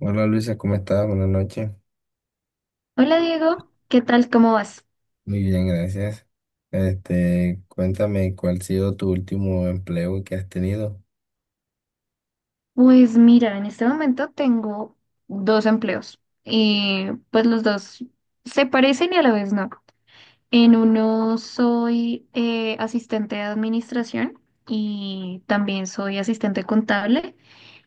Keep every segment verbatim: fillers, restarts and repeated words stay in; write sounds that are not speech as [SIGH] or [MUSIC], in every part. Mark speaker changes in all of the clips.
Speaker 1: Hola Luisa, ¿cómo estás? Buenas noches.
Speaker 2: Hola Diego, ¿qué tal? ¿Cómo vas?
Speaker 1: Muy bien, gracias. Este, cuéntame cuál ha sido tu último empleo que has tenido.
Speaker 2: Pues mira, en este momento tengo dos empleos y pues los dos se parecen y a la vez no. En uno soy eh, asistente de administración y también soy asistente contable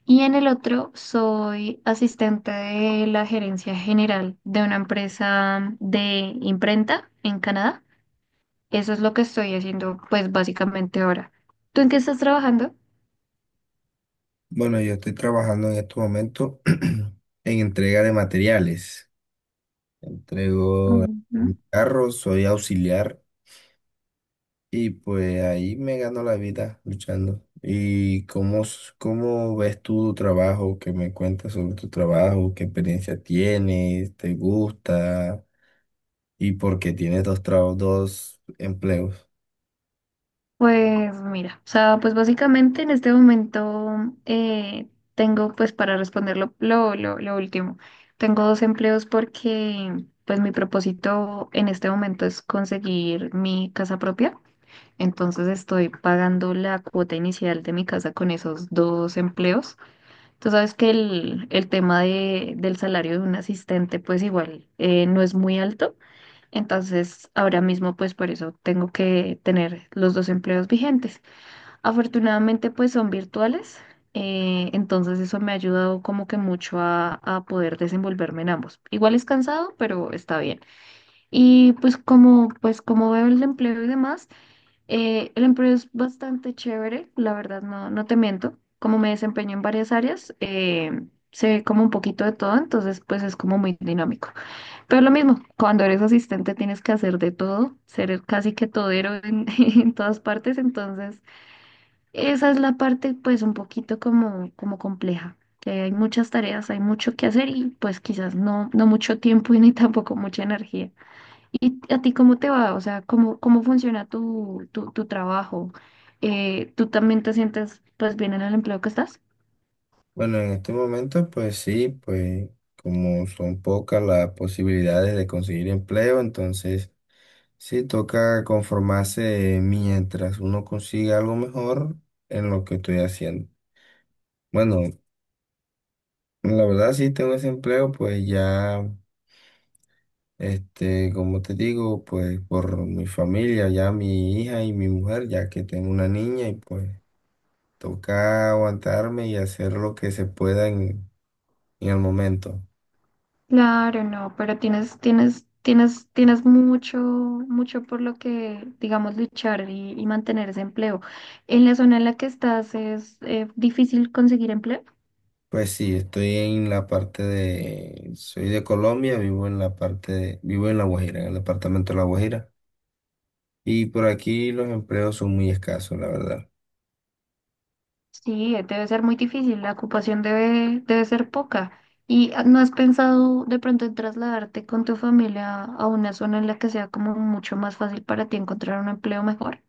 Speaker 2: y en el otro soy asistente de la gerencia general de una empresa de imprenta en Canadá. Eso es lo que estoy haciendo pues básicamente ahora. ¿Tú en qué estás trabajando?
Speaker 1: Bueno, yo estoy trabajando en este momento [CLEARS THROAT] en entrega de materiales. Entrego
Speaker 2: Ujú.
Speaker 1: un carro, soy auxiliar y pues ahí me gano la vida luchando. ¿Y cómo, s- cómo ves tú tu trabajo? ¿Qué me cuentas sobre tu trabajo? ¿Qué experiencia tienes? ¿Te gusta? Y porque tienes dos trabajos, dos empleos.
Speaker 2: Pues mira, o sea, pues básicamente en este momento eh, tengo, pues para responder lo, lo, lo- lo último, tengo dos empleos porque pues mi propósito en este momento es conseguir mi casa propia, entonces estoy pagando la cuota inicial de mi casa con esos dos empleos. Tú sabes que el, el tema de, del salario de un asistente pues igual eh, no es muy alto, entonces ahora mismo pues por eso tengo que tener los dos empleos vigentes. Afortunadamente, pues son virtuales, eh, entonces eso me ha ayudado como que mucho a, a poder desenvolverme en ambos. Igual es cansado, pero está bien. Y pues como, pues como veo el empleo y demás, eh, el empleo es bastante chévere, la verdad, no, no te miento. Como me desempeño en varias áreas, eh, sé como un poquito de todo, entonces pues es como muy dinámico. Pero lo mismo, cuando eres asistente tienes que hacer de todo, ser el casi que todero en [LAUGHS] en todas partes, entonces... Esa es la parte pues un poquito como, como compleja, que hay muchas tareas, hay mucho que hacer y pues quizás no, no mucho tiempo [LAUGHS] y ni tampoco mucha energía. ¿Y a ti cómo te va? O sea, ¿cómo, cómo funciona tu, tu, tu trabajo? Eh, ¿tú también te sientes pues bien en el empleo que estás?
Speaker 1: Bueno, en este momento, pues sí, pues como son pocas las posibilidades de conseguir empleo, entonces sí toca conformarse mientras uno consiga algo mejor en lo que estoy haciendo. Bueno, la verdad sí tengo ese empleo, pues ya, este, como te digo, pues por mi familia, ya mi hija y mi mujer, ya que tengo una niña y pues toca aguantarme y hacer lo que se pueda en, en el momento.
Speaker 2: Claro, no, pero tienes, tienes, tienes, tienes mucho, mucho por lo que, digamos, luchar y, y mantener ese empleo. ¿En la zona en la que estás es eh, difícil conseguir empleo?
Speaker 1: Pues sí, estoy en la parte de, soy de Colombia, vivo en la parte de- vivo en La Guajira, en el departamento de La Guajira. Y por aquí los empleos son muy escasos, la verdad.
Speaker 2: Sí, debe ser muy difícil, la ocupación debe, debe ser poca. ¿Y ah, no has pensado de pronto en trasladarte con tu familia a una zona en la que sea como mucho más fácil para ti encontrar un empleo mejor?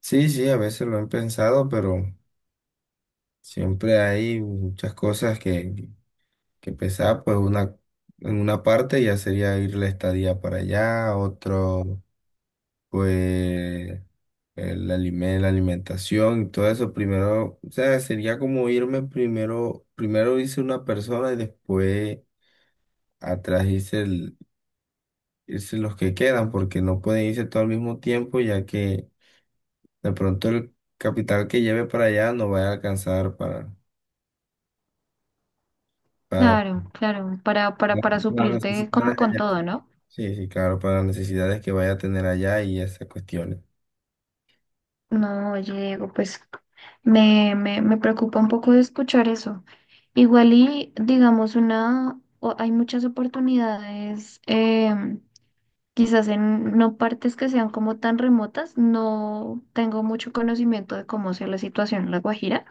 Speaker 1: Sí, sí, a veces lo he pensado, pero siempre hay muchas cosas que, que, pensar, pues una, en una parte ya sería ir la estadía para allá, otro. Pues el alime- la alimentación y todo eso, primero, o sea, sería como irme primero, primero irse una persona y después atrás irse, el- irse los que quedan, porque no pueden irse todo al mismo tiempo, ya que de pronto el capital que lleve para allá no va a alcanzar para, para
Speaker 2: Claro, claro, para, para, para
Speaker 1: las
Speaker 2: suplirte
Speaker 1: necesidades
Speaker 2: como con
Speaker 1: allá.
Speaker 2: todo, ¿no?
Speaker 1: Sí, sí, claro, para las necesidades que vaya a tener allá y esas cuestiones.
Speaker 2: No, oye, Diego, pues me, me, me preocupa un poco de escuchar eso. Igual y digamos una, o- hay muchas oportunidades. em, Quizás en no partes que sean como tan remotas, no tengo mucho conocimiento de cómo sea la situación en La Guajira,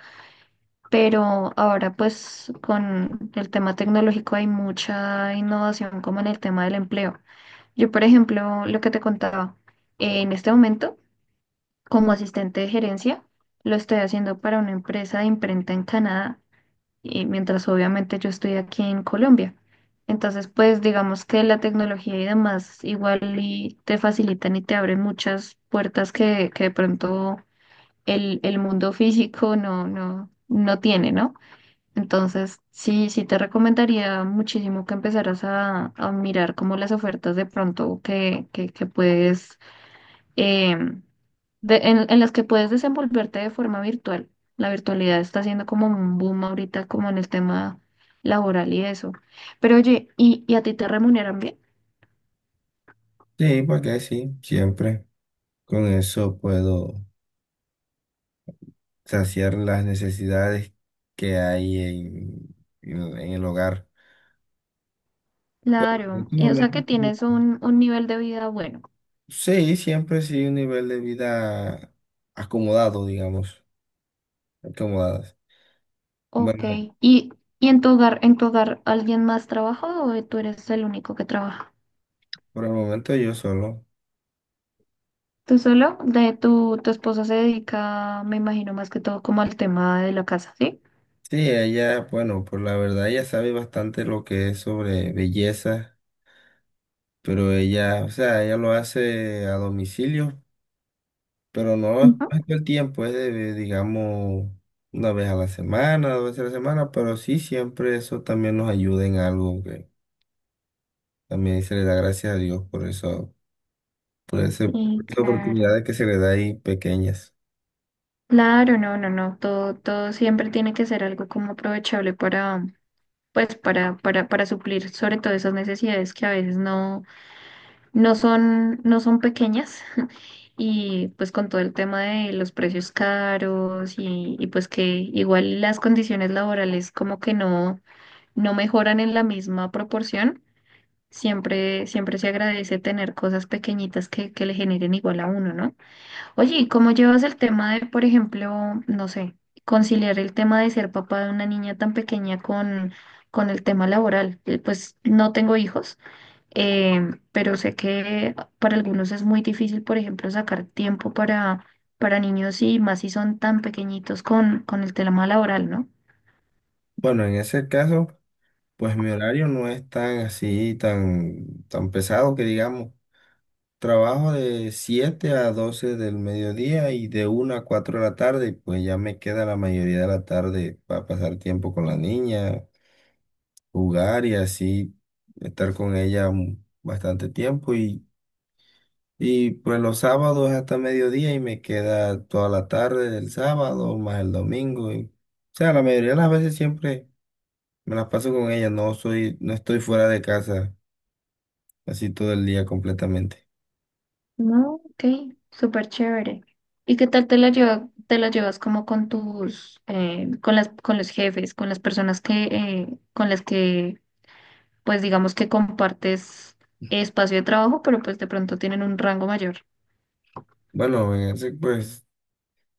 Speaker 2: pero ahora pues con el tema tecnológico hay mucha innovación como en el tema del empleo. Yo, por ejemplo, lo que te contaba, eh, en este momento como asistente de gerencia, lo estoy haciendo para una empresa de imprenta en Canadá y mientras obviamente yo estoy aquí en Colombia. Entonces, pues digamos que la tecnología y demás igual y te facilitan y te abren muchas puertas que, que de pronto el, el mundo físico no, no, no tiene, ¿no? Entonces, sí, sí te recomendaría muchísimo que empezaras a, a mirar como las ofertas de pronto que, que, que puedes eh, de- en, en las que puedes desenvolverte de forma virtual. La virtualidad está siendo como un boom ahorita, como en el tema laboral y eso. Pero oye, ¿y, y a ti te remuneran bien?
Speaker 1: Sí, para qué, sí, siempre. Con eso puedo saciar las necesidades que hay en, en- en el hogar. En
Speaker 2: Claro,
Speaker 1: este
Speaker 2: y, o sea que
Speaker 1: momento,
Speaker 2: tienes un, un nivel de vida bueno.
Speaker 1: sí, siempre sí un nivel de vida acomodado, digamos, acomodadas.
Speaker 2: Ok,
Speaker 1: Bueno,
Speaker 2: ¿y, ¿y en tu hogar, en tu hogar alguien más trabaja o tú eres el único que trabaja?
Speaker 1: por el momento yo solo.
Speaker 2: ¿Tú solo? De tu, tu esposa se dedica, me imagino, más que todo como al tema de la casa, ¿sí?
Speaker 1: Sí, ella, bueno, por la verdad, ella sabe bastante lo que es sobre belleza, pero ella, o sea, ella lo hace a domicilio. Pero no es
Speaker 2: Ujú.
Speaker 1: todo el tiempo, es de, digamos, una vez a la semana, dos veces a la semana, pero sí siempre eso también nos ayuda en algo que también se le da gracias a Dios por eso, por ese,
Speaker 2: Sí,
Speaker 1: por esas
Speaker 2: claro.
Speaker 1: oportunidades que se le da ahí pequeñas.
Speaker 2: Claro, no, no, no, todo, todo siempre tiene que ser algo como aprovechable para, pues, para, para, para suplir sobre todo esas necesidades que a veces no, no son, no son pequeñas. [LAUGHS] Y pues con todo el tema de los precios caros y, y pues que igual las condiciones laborales como que no, no mejoran en la misma proporción, siempre, siempre se agradece tener cosas pequeñitas que, que le generen igual a uno, ¿no? Oye, ¿y cómo llevas el tema de, por ejemplo, no sé, conciliar el tema de ser papá de una niña tan pequeña con, con el tema laboral? Eh, Pues no tengo hijos, em, pero sé que para algunos es muy difícil, por ejemplo, sacar tiempo para, para niños y más si son tan pequeñitos con, con el tema laboral, ¿no?
Speaker 1: Bueno, en ese caso, pues mi horario no es tan así, tan, tan pesado que digamos. Trabajo de siete a doce del mediodía y de una a cuatro de la tarde, y pues ya me queda la mayoría de la tarde para pasar tiempo con la niña, jugar y así estar con ella un- bastante tiempo y, y pues los sábados hasta mediodía y me queda toda la tarde del sábado más el domingo y, o sea, la mayoría de las veces siempre me las paso con ella, no soy, no estoy fuera de casa así todo el día completamente.
Speaker 2: No, ok, súper chévere. ¿Y qué tal te la lleva, te la llevas como con tus, eh, con las, con los jefes, con las personas que, eh, con las que pues digamos que compartes espacio de trabajo, pero pues de pronto tienen un rango mayor.
Speaker 1: Bueno, en ese, pues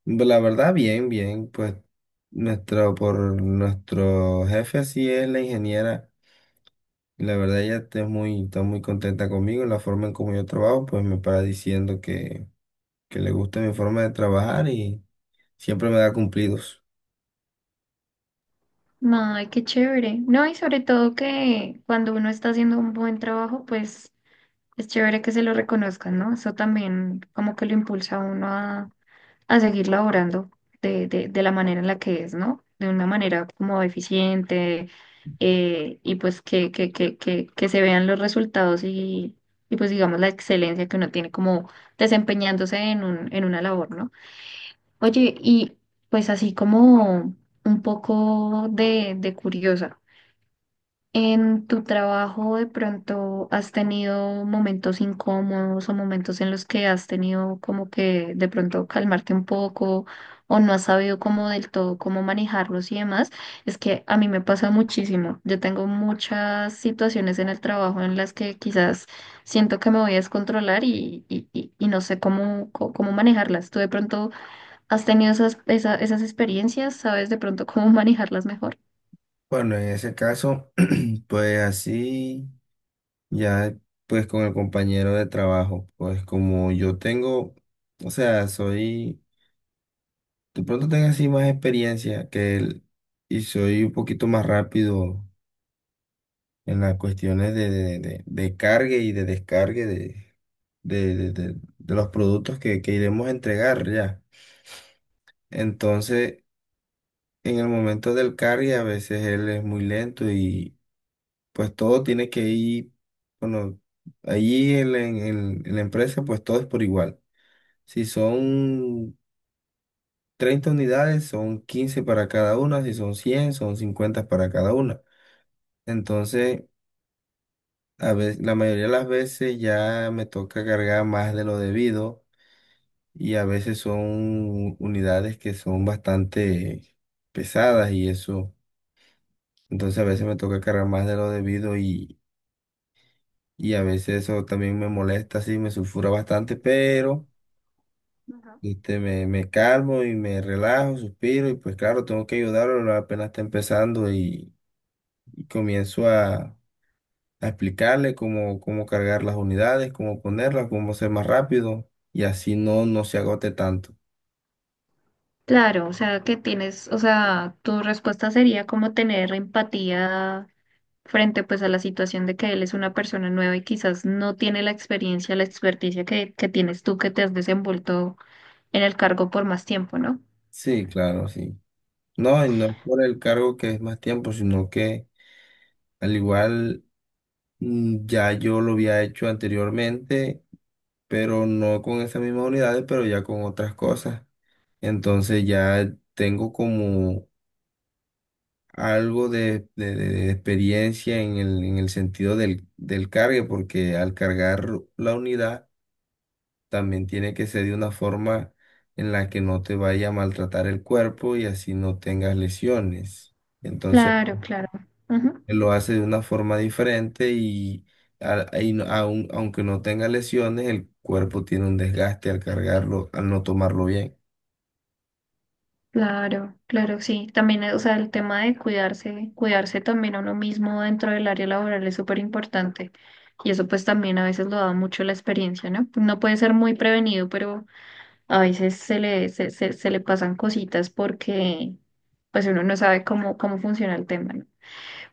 Speaker 1: la verdad bien, bien, pues nuestro, por nuestro jefe así es la ingeniera. La verdad ella está muy, está muy contenta conmigo, la forma en como yo trabajo, pues me para diciendo que, que, le gusta mi forma de trabajar y siempre me da cumplidos.
Speaker 2: Ay, qué chévere. No, y sobre todo que cuando uno está haciendo un buen trabajo, pues es chévere que se lo reconozcan, ¿no? Eso también como que lo impulsa a uno a, a seguir laborando de, de, de, la manera en la que es, ¿no? De una manera como eficiente eh, y pues que, que, que, que, que se vean los resultados y, y pues digamos la excelencia que uno tiene como desempeñándose en un, en una labor, ¿no? Oye, y pues así como un poco de, de curiosa, ¿en tu trabajo de pronto has tenido momentos incómodos o momentos en los que has tenido como que de pronto calmarte un poco o no has sabido como del todo cómo manejarlos y demás? Es que a mí me pasa muchísimo. Yo tengo muchas situaciones en el trabajo en las que quizás siento que me voy a descontrolar y, y, y- y no sé cómo, cómo manejarlas. ¿Tú de pronto... ¿Has tenido esas, esa- esas experiencias? ¿Sabes de pronto cómo [LAUGHS] manejarlas mejor?
Speaker 1: Bueno, en ese caso, [CLEARS THROAT] pues así, ya pues con el compañero de trabajo, pues como yo tengo, o sea, soy, de pronto tengo así más experiencia que él y soy un poquito más rápido en las cuestiones de, de, de, de cargue y de descargue de, de, de, de- de los productos que, que iremos a entregar ya. Entonces, en el momento del cargue, a veces él es muy lento y pues todo tiene que ir, bueno, allí en, la- en, en- en la empresa, pues todo es por igual. Si son treinta unidades, son quince para cada una, si son cien son cincuenta para cada una. Entonces, A ve- la mayoría de las veces ya me toca cargar más de lo debido y a veces son unidades que son bastante pesadas y eso. Entonces a veces me toca cargar más de lo debido y, y a veces eso también me molesta, sí, me sulfura bastante, pero
Speaker 2: Ujú.
Speaker 1: este, me, me calmo y me relajo, suspiro y pues claro, tengo que ayudarlo, apenas está empezando y, y, comienzo a a explicarle cómo, cómo cargar las unidades, cómo ponerlas, cómo ser más rápido y así no, no se agote tanto.
Speaker 2: Claro, o sea, que tienes, o sea, tu respuesta sería como tener empatía frente pues a la situación de que él es una persona nueva y quizás no tiene la experiencia, la experticia que, que tienes tú que te has desenvuelto en el cargo por más tiempo, ¿no?
Speaker 1: Sí, claro, sí. No, y no es por el cargo que es más tiempo, sino que al igual mm, ya yo lo había hecho anteriormente, pero no con esas mismas unidades, pero ya con otras cosas. Entonces ya tengo como algo de, de- de- de experiencia en el, en el, sentido del, del cargue, porque al cargar la unidad, también tiene que ser de una forma en la que no te vaya a maltratar el cuerpo y así no tengas lesiones. Entonces,
Speaker 2: Claro, claro. Ujú.
Speaker 1: él lo hace de una forma diferente y, a- y no- aun- aunque no tenga lesiones, el cuerpo tiene un desgaste al cargarlo, al no tomarlo bien.
Speaker 2: Claro, claro, sí. También, eh, o sea, el tema de cuidarse, cuidarse también a uno mismo dentro del área laboral es súper importante. Y eso pues también a veces lo da mucho la experiencia, ¿no? No puede ser muy prevenido, pero a veces se le, se, se, se le pasan cositas porque pues uno no sabe cómo, cómo funciona el tema, ¿no?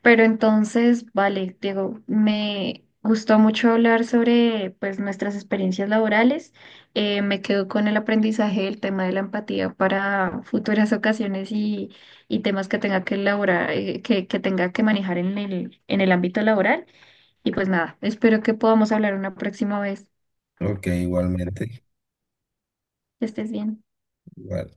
Speaker 2: Pero entonces, vale, Diego, me gustó mucho hablar sobre pues nuestras experiencias laborales. Eh, me quedo con el aprendizaje del tema de la empatía para futuras [LAUGHS] ocasiones y, y temas que tenga que elaborar, eh, que, que tenga que manejar en el, en el ámbito laboral. Y pues nada, espero que podamos hablar una próxima vez.
Speaker 1: Ok, igualmente.
Speaker 2: Que estés bien.
Speaker 1: Igual.